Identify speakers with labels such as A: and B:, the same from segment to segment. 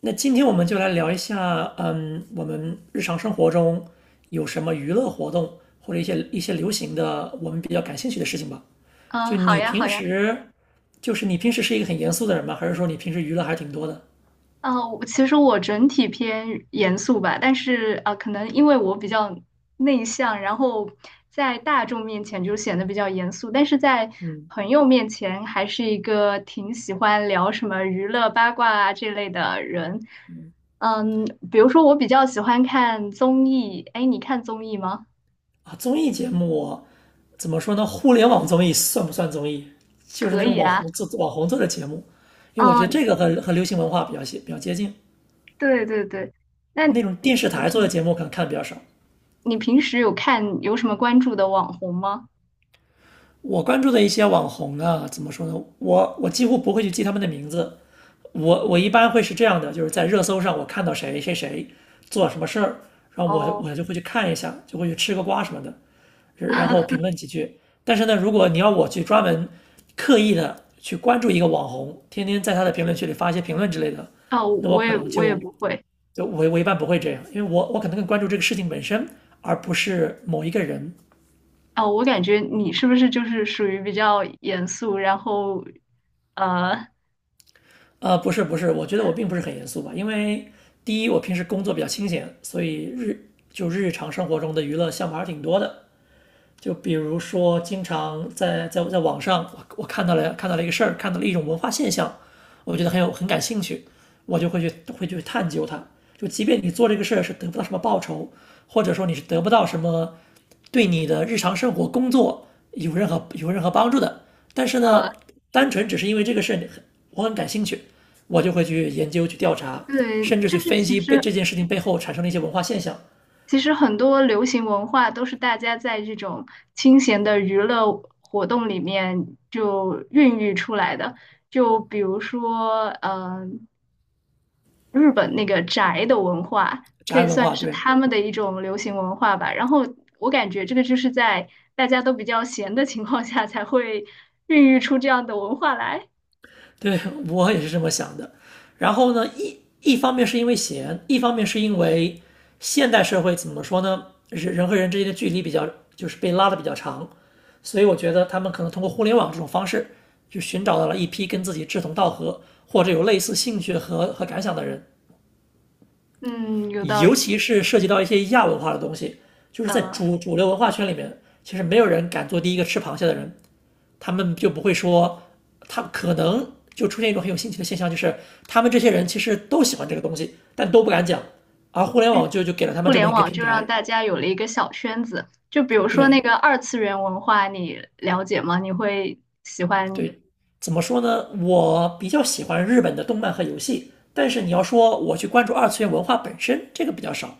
A: 那今天我们就来聊一下，我们日常生活中有什么娱乐活动，或者一些流行的，我们比较感兴趣的事情吧。
B: 嗯，
A: 就
B: 好
A: 你
B: 呀，好
A: 平
B: 呀。
A: 时，就是你平时是一个很严肃的人吗？还是说你平时娱乐还挺多的
B: 嗯，我其实整体偏严肃吧，但是啊，可能因为我比较内向，然后在大众面前就显得比较严肃，但是在朋友面前还是一个挺喜欢聊什么娱乐八卦啊这类的人。嗯，比如说我比较喜欢看综艺，哎，你看综艺吗？
A: 啊？综艺节目怎么说呢？互联网综艺算不算综艺？就是
B: 可
A: 那种
B: 以嗯
A: 网红
B: 啊。
A: 做网红做的节目，因为我觉得
B: 嗯，
A: 这个和流行文化比较接近。
B: 对对对。那你
A: 那种电视台做的
B: 平
A: 节目可能看的比较少，
B: 你平时有什么关注的网红吗？
A: 我关注的一些网红呢，怎么说呢？我几乎不会去记他们的名字，我一般会是这样的，就是在热搜上我看到谁谁谁做什么事儿，然
B: 哦
A: 后我就
B: 哦。
A: 我就会去看一下，就会去吃个瓜什么的，然后评 论几句。但是呢，如果你要我去专门刻意的去关注一个网红，天天在他的评论区里发一些评论之类的，
B: 哦，
A: 那我
B: 我
A: 可
B: 也
A: 能
B: 我也
A: 就
B: 不会。
A: 就我我一般不会这样，因为我可能更关注这个事情本身，而不是某一个人。
B: 哦，我感觉你是不是就是属于比较严肃，然后，呃
A: 不是不是，我觉得我并不是很严肃吧，因为第一，我平时工作比较清闲，所以日常生活中的娱乐项目还是挺多的。就比如说，经常在网上，我看到了一个事儿，看到了一种文化现象，我觉得很感兴趣，我就会去探究它。就即便你做这个事儿是得不到什么报酬，或者说你是得不到什么对你的日常生活工作有任何帮助的，但是
B: 呃，
A: 呢，单纯只是因为这个事儿我很感兴趣，我就会去研究去调查，
B: 对，
A: 甚至去
B: 就是
A: 分
B: 其
A: 析被
B: 实
A: 这件事情背后产生的一些文化现象，
B: 其实很多流行文化都是大家在这种清闲的娱乐活动里面就孕育出来的。就比如说，日本那个宅的文化，可
A: 宅
B: 以
A: 文
B: 算
A: 化
B: 是
A: 对。
B: 他们的一种流行文化吧。然后我感觉这个就是在大家都比较闲的情况下才会孕育出这样的文化来。
A: 对我也是这么想的。然后呢，一方面是因为闲，一方面是因为现代社会怎么说呢？人人和人之间的距离比较就是被拉的比较长，所以我觉得他们可能通过互联网这种方式，就寻找到了一批跟自己志同道合或者有类似兴趣和感想的人，
B: 嗯，有道
A: 尤
B: 理。
A: 其是涉及到一些亚文化的东西，就是在
B: 呃，
A: 主流文化圈里面，其实没有人敢做第一个吃螃蟹的人，他们就不会说，他可能就出现一种很有新奇的现象，就是他们这些人其实都喜欢这个东西，但都不敢讲，而互联网就给了他
B: 互
A: 们这么
B: 联
A: 一个
B: 网
A: 平
B: 就让
A: 台。
B: 大家有了一个小圈子。就比如说那
A: 对
B: 个二次元文化，你了解吗？你会喜欢？
A: 对，怎么说呢？我比较喜欢日本的动漫和游戏，但是你要说我去关注二次元文化本身，这个比较少。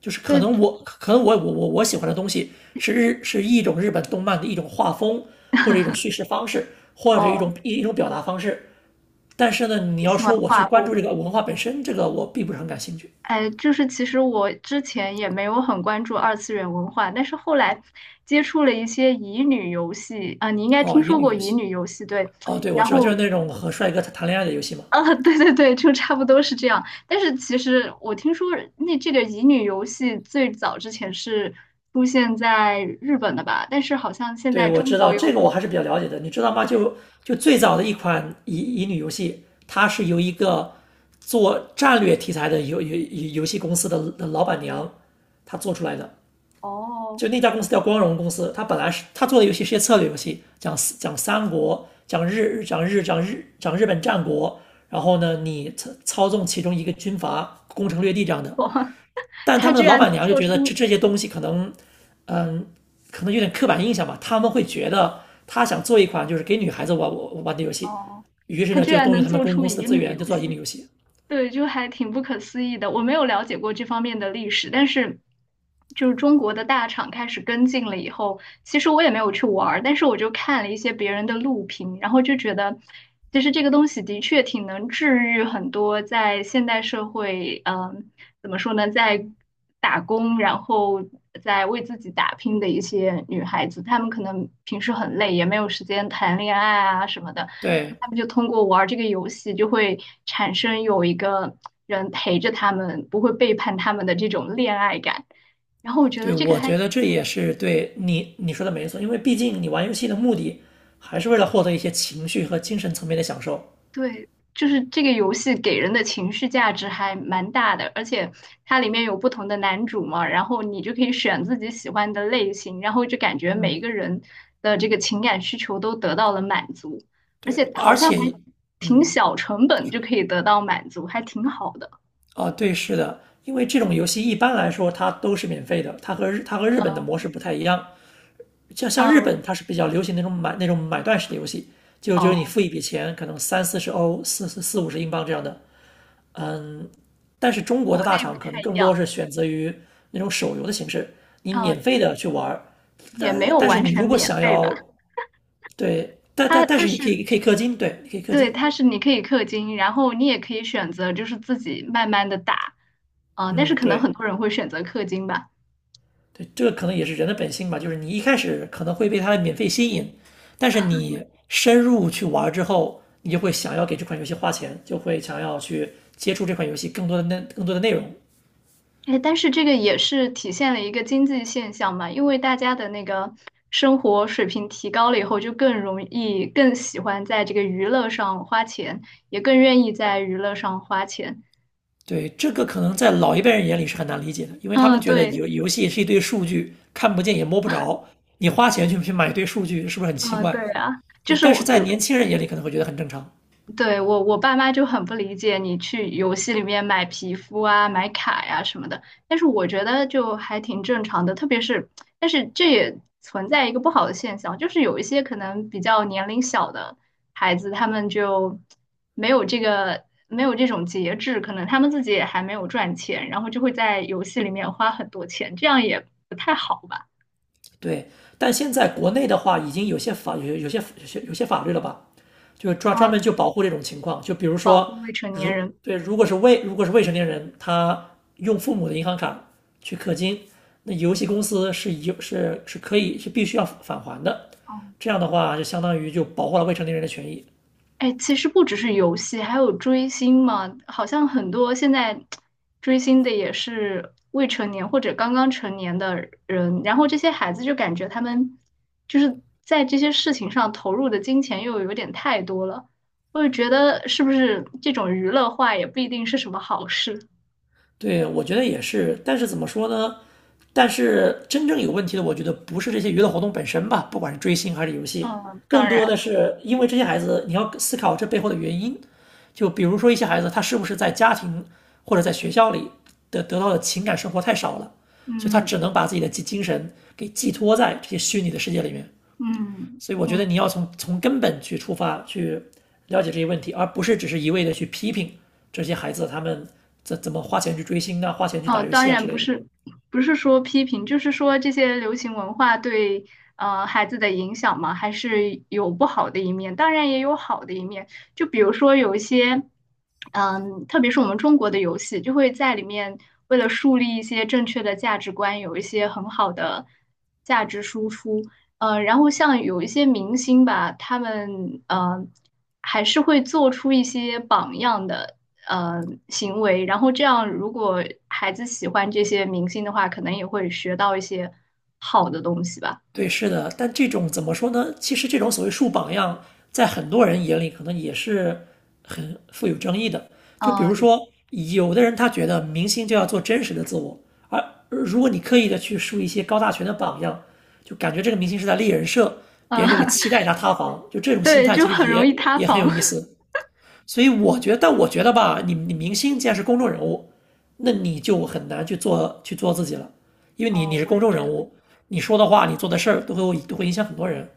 A: 就是可
B: 对，
A: 能我可能我我我我喜欢的东西是一种日本动漫的一种画风，或者一种叙事方式，或者一
B: 哦，
A: 种一一种表达方式。但是呢，你
B: 你
A: 要
B: 喜欢
A: 说我去
B: 画
A: 关
B: 风。
A: 注这个文化本身，这个我并不是很感兴趣。
B: 哎，就是其实我之前也没有很关注二次元文化，但是后来接触了一些乙女游戏啊，你应该
A: 哦，
B: 听
A: 乙
B: 说
A: 女
B: 过
A: 游
B: 乙
A: 戏，
B: 女游戏，对，
A: 哦，对，我
B: 然
A: 知道，就
B: 后
A: 是那种和帅哥谈恋爱的游戏嘛。
B: 啊，对对对，就差不多是这样。但是其实我听说那这个乙女游戏最早之前是出现在日本的吧，但是好像现
A: 对，
B: 在
A: 我
B: 中
A: 知
B: 国
A: 道
B: 有
A: 这个我
B: 很
A: 还是
B: 多，
A: 比较了解的，你知道吗？
B: 对，
A: 就就最早的一款乙女游戏，它是由一个做战略题材的游戏公司的老板娘她做出来的，
B: 哦，
A: 就那家公司叫光荣公司，他本来是他做的游戏是些策略游戏，讲讲三国，讲日本战国，然后呢，你操纵其中一个军阀攻城略地这样的。但他
B: 他
A: 们
B: 居
A: 的老
B: 然
A: 板
B: 能
A: 娘就
B: 做
A: 觉得这
B: 出，
A: 这些东西可能，嗯，可能有点刻板印象吧。他们会觉得他想做一款就是给女孩子玩的游戏，
B: 哦，
A: 于是
B: 他
A: 呢
B: 居
A: 就
B: 然
A: 动用
B: 能
A: 他们
B: 做
A: 公
B: 出
A: 公司的
B: 乙
A: 资
B: 女
A: 源就
B: 游
A: 做乙女
B: 戏。
A: 游戏。
B: 对，就还挺不可思议的。我没有了解过这方面的历史，但是就是中国的大厂开始跟进了以后，其实我也没有去玩儿，但是我就看了一些别人的录屏，然后就觉得，其实这个东西的确挺能治愈很多在现代社会，嗯，怎么说呢，在打工，然后在为自己打拼的一些女孩子，她们可能平时很累，也没有时间谈恋爱啊什么的。
A: 对，
B: 他们就通过玩儿这个游戏，就会产生有一个人陪着他们，不会背叛他们的这种恋爱感。然后我觉
A: 对，
B: 得这个
A: 我
B: 还
A: 觉得这也是对你你说的没错，因为毕竟你玩游戏的目的还是为了获得一些情绪和精神层面的享受。
B: 对，就是这个游戏给人的情绪价值还蛮大的，而且它里面有不同的男主嘛，然后你就可以选自己喜欢的类型，然后就感觉每一个人的这个情感需求都得到了满足，而且
A: 对，
B: 好
A: 而
B: 像还
A: 且，
B: 挺
A: 嗯，
B: 小成本就可以得到满足，还挺好的。
A: 对，是的，因为这种游戏一般来说它都是免费的，它和日本的
B: 嗯
A: 模式不太一样。像像日
B: 嗯，
A: 本，它是比较流行那种买断式的游戏，就就是你
B: 哦。
A: 付一笔钱，可能三四十欧、四四四五十英镑这样的，嗯，但是中国的
B: 国
A: 大
B: 内
A: 厂
B: 不
A: 可能
B: 太一
A: 更多
B: 样，
A: 是选择于那种手游的形式，你免
B: 嗯，
A: 费的去玩儿，
B: 也没
A: 但
B: 有
A: 但是
B: 完
A: 你
B: 全
A: 如果
B: 免
A: 想
B: 费吧。
A: 要对，但
B: 它
A: 但但是
B: 它
A: 你可以
B: 是
A: 可以氪金，对，你可以氪
B: 对，
A: 金，
B: 它是你可以氪金，然后你也可以选择就是自己慢慢的打，嗯，但是
A: 嗯，
B: 可能很
A: 对
B: 多人会选择氪金吧。
A: 对，这个可能也是人的本性吧，就是你一开始可能会被它的免费吸引，但是你深入去玩儿之后，你就会想要给这款游戏花钱，就会想要去接触这款游戏更多的内容，
B: 哎，但是这个也是体现了一个经济现象嘛，因为大家的那个生活水平提高了以后，就更容易、更喜欢在这个娱乐上花钱，也更愿意在娱乐上花钱。
A: 对，这个可能在老一辈人眼里是很难理解的，因为他们
B: 嗯，
A: 觉得
B: 对，
A: 游戏是一堆数据，看不见也摸不着，你花钱去买一堆数据，是不是很奇
B: 嗯，对
A: 怪？
B: 啊，就
A: 对，
B: 是
A: 但是
B: 我，比
A: 在
B: 如
A: 年轻人眼里可能会觉得很正常。
B: 对，我爸妈就很不理解你去游戏里面买皮肤啊、买卡呀、什么的，但是我觉得就还挺正常的，特别是，但是这也存在一个不好的现象，就是有一些可能比较年龄小的孩子，他们就没有这种节制，可能他们自己也还没有赚钱，然后就会在游戏里面花很多钱，这样也不太好吧？
A: 对，但现在国内的话，已经有些法有有些有些有些法律了吧？就专
B: 嗯，
A: 专门就保护这种情况。就比如
B: 保
A: 说，
B: 护未成年
A: 如
B: 人。
A: 对，如果是未成年人，他用父母的银行卡去氪金，那游戏公司是有是是可以是必须要返还的。
B: 哦
A: 这样的话，就相当于就保护了未成年人的权益。
B: 哎，其实不只是游戏，还有追星嘛。好像很多现在追星的也是未成年或者刚刚成年的人，然后这些孩子就感觉他们就是在这些事情上投入的金钱又有点太多了。我就觉得是不是这种娱乐化也不一定是什么好事。
A: 对，我觉得也是，但是怎么说呢？但是真正有问题的，我觉得不是这些娱乐活动本身吧，不管是追星还是游戏，
B: 嗯，当
A: 更多的
B: 然，
A: 是因为这些孩子，你要思考这背后的原因。就比如说一些孩子，他是不是在家庭或者在学校里得到的情感生活太少了，所以他
B: 嗯
A: 只能把自己的精神给寄托在这些虚拟的世界里面。
B: 嗯
A: 所以我觉得
B: 嗯。
A: 你要从根本去出发去了解这些问题，而不是只是一味的去批评这些孩子他们怎么花钱去追星啊、花钱去打
B: 嗯，
A: 游
B: 当
A: 戏啊
B: 然
A: 之
B: 不
A: 类的。
B: 是，不是说批评，就是说这些流行文化对孩子的影响嘛，还是有不好的一面，当然也有好的一面。就比如说有一些，嗯，特别是我们中国的游戏，就会在里面为了树立一些正确的价值观，有一些很好的价值输出。然后像有一些明星吧，他们还是会做出一些榜样的。行为，然后这样如果孩子喜欢这些明星的话，可能也会学到一些好的东西吧。
A: 对，是的，但这种怎么说呢？其实这种所谓树榜样，在很多人眼里可能也是很富有争议的。
B: 嗯、
A: 就比
B: 呃
A: 如说，有的人他觉得明星就要做真实的自我，而如果你刻意的去树一些高大全的榜样，就感觉这个明星是在立人设，别
B: 嗯，
A: 人就会 期待他塌房。就这种心
B: 对，
A: 态
B: 就
A: 其实
B: 很容易塌
A: 也很有
B: 房。
A: 意 思。所以我觉得，但我觉得吧，你你明星既然是公众人物，那你就很难去做自己了，因为你你
B: 嗯、
A: 是
B: 我
A: 公
B: 也
A: 众
B: 觉
A: 人
B: 得，
A: 物，你说的话，你做的事儿都会影响很多人，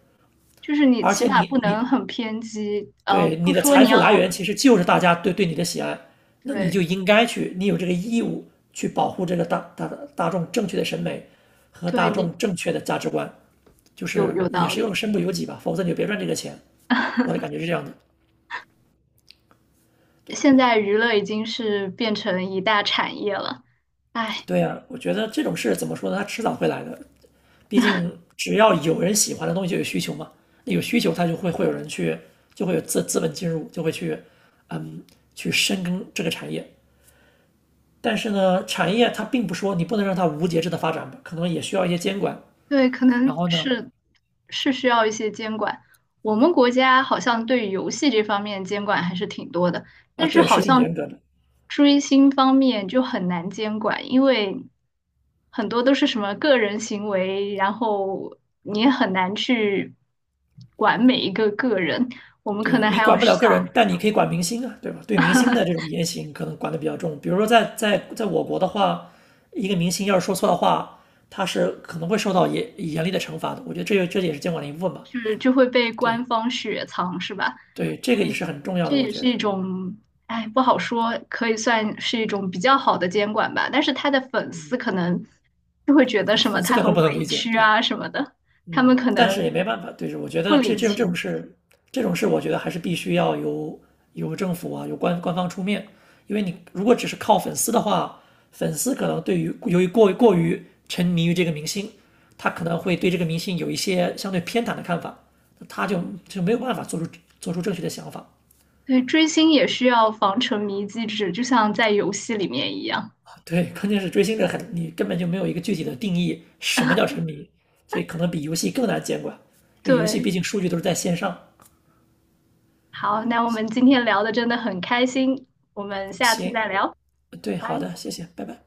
B: 就是你
A: 而
B: 起
A: 且
B: 码不
A: 你
B: 能
A: 你
B: 很偏激，
A: 对你
B: 不
A: 的
B: 说
A: 财
B: 你
A: 富来
B: 要，
A: 源其实就是大家对你的喜爱，那你
B: 对
A: 就应该去，你有这个义务去保护这个大众正确的审美和
B: 对，
A: 大众正确的价值观，就是
B: 有
A: 也
B: 道
A: 是用
B: 理。
A: 身不由己吧，否则你就别赚这个钱。我的感觉 是这样的，对
B: 现在娱乐已经是变成一大产业了，唉。
A: 对呀、我觉得这种事怎么说呢？它迟早会来的，毕竟只要有人喜欢的东西就有需求嘛，那有需求他就会有人去，就会有资本进入，就会去，嗯，去深耕这个产业。但是呢，产业它并不说你不能让它无节制的发展吧，可能也需要一些监管。
B: 对，可
A: 然
B: 能
A: 后呢，
B: 是是需要一些监管。我们国家好像对游戏这方面监管还是挺多的，
A: 啊，
B: 但是
A: 对，
B: 好
A: 是挺
B: 像
A: 严格的。
B: 追星方面就很难监管，因为很多都是什么个人行为，然后你也很难去管每一个个人。我们可
A: 对
B: 能
A: 你
B: 还要
A: 管不了个
B: 想，
A: 人，但你可以管明星啊，对吧？对明星的这种 言行可能管得比较重。比如说在我国的话，一个明星要是说错的话，他是可能会受到严厉的惩罚的。我觉得这也是监管的一部分吧。
B: 是就会被官
A: 对，
B: 方雪藏，是吧？
A: 对，这个也
B: 嗯，
A: 是很重要
B: 这
A: 的，我
B: 也
A: 觉
B: 是一
A: 得，
B: 种，哎，不好说，可以算是一种比较好的监管吧。但是他的粉丝
A: 嗯，
B: 可能就会觉得
A: 对，
B: 什么
A: 粉丝
B: 他
A: 可
B: 很
A: 能不
B: 委
A: 能理解，
B: 屈
A: 对，
B: 啊什么的，他们可
A: 但是
B: 能
A: 也没办法，对，是，我觉
B: 不
A: 得
B: 领情。
A: 这种事，我觉得还是必须要由政府啊，由官方出面，因为你如果只是靠粉丝的话，粉丝可能对于由于过于沉迷于这个明星，他可能会对这个明星有一些相对偏袒的看法，那他就没有办法做出正确的想法，
B: 对，追星也需要防沉迷机制，就像在游戏里面一样。
A: 对，关键是追星这很，你根本就没有一个具体的定义，什么叫沉迷，所以可能比游戏更难监管，因为游戏毕
B: 对，
A: 竟数据都是在线上。
B: 好，那我们今天聊的真的很开心，我们下次
A: 行，
B: 再聊，
A: 对，好
B: 拜。
A: 的，谢谢，拜拜。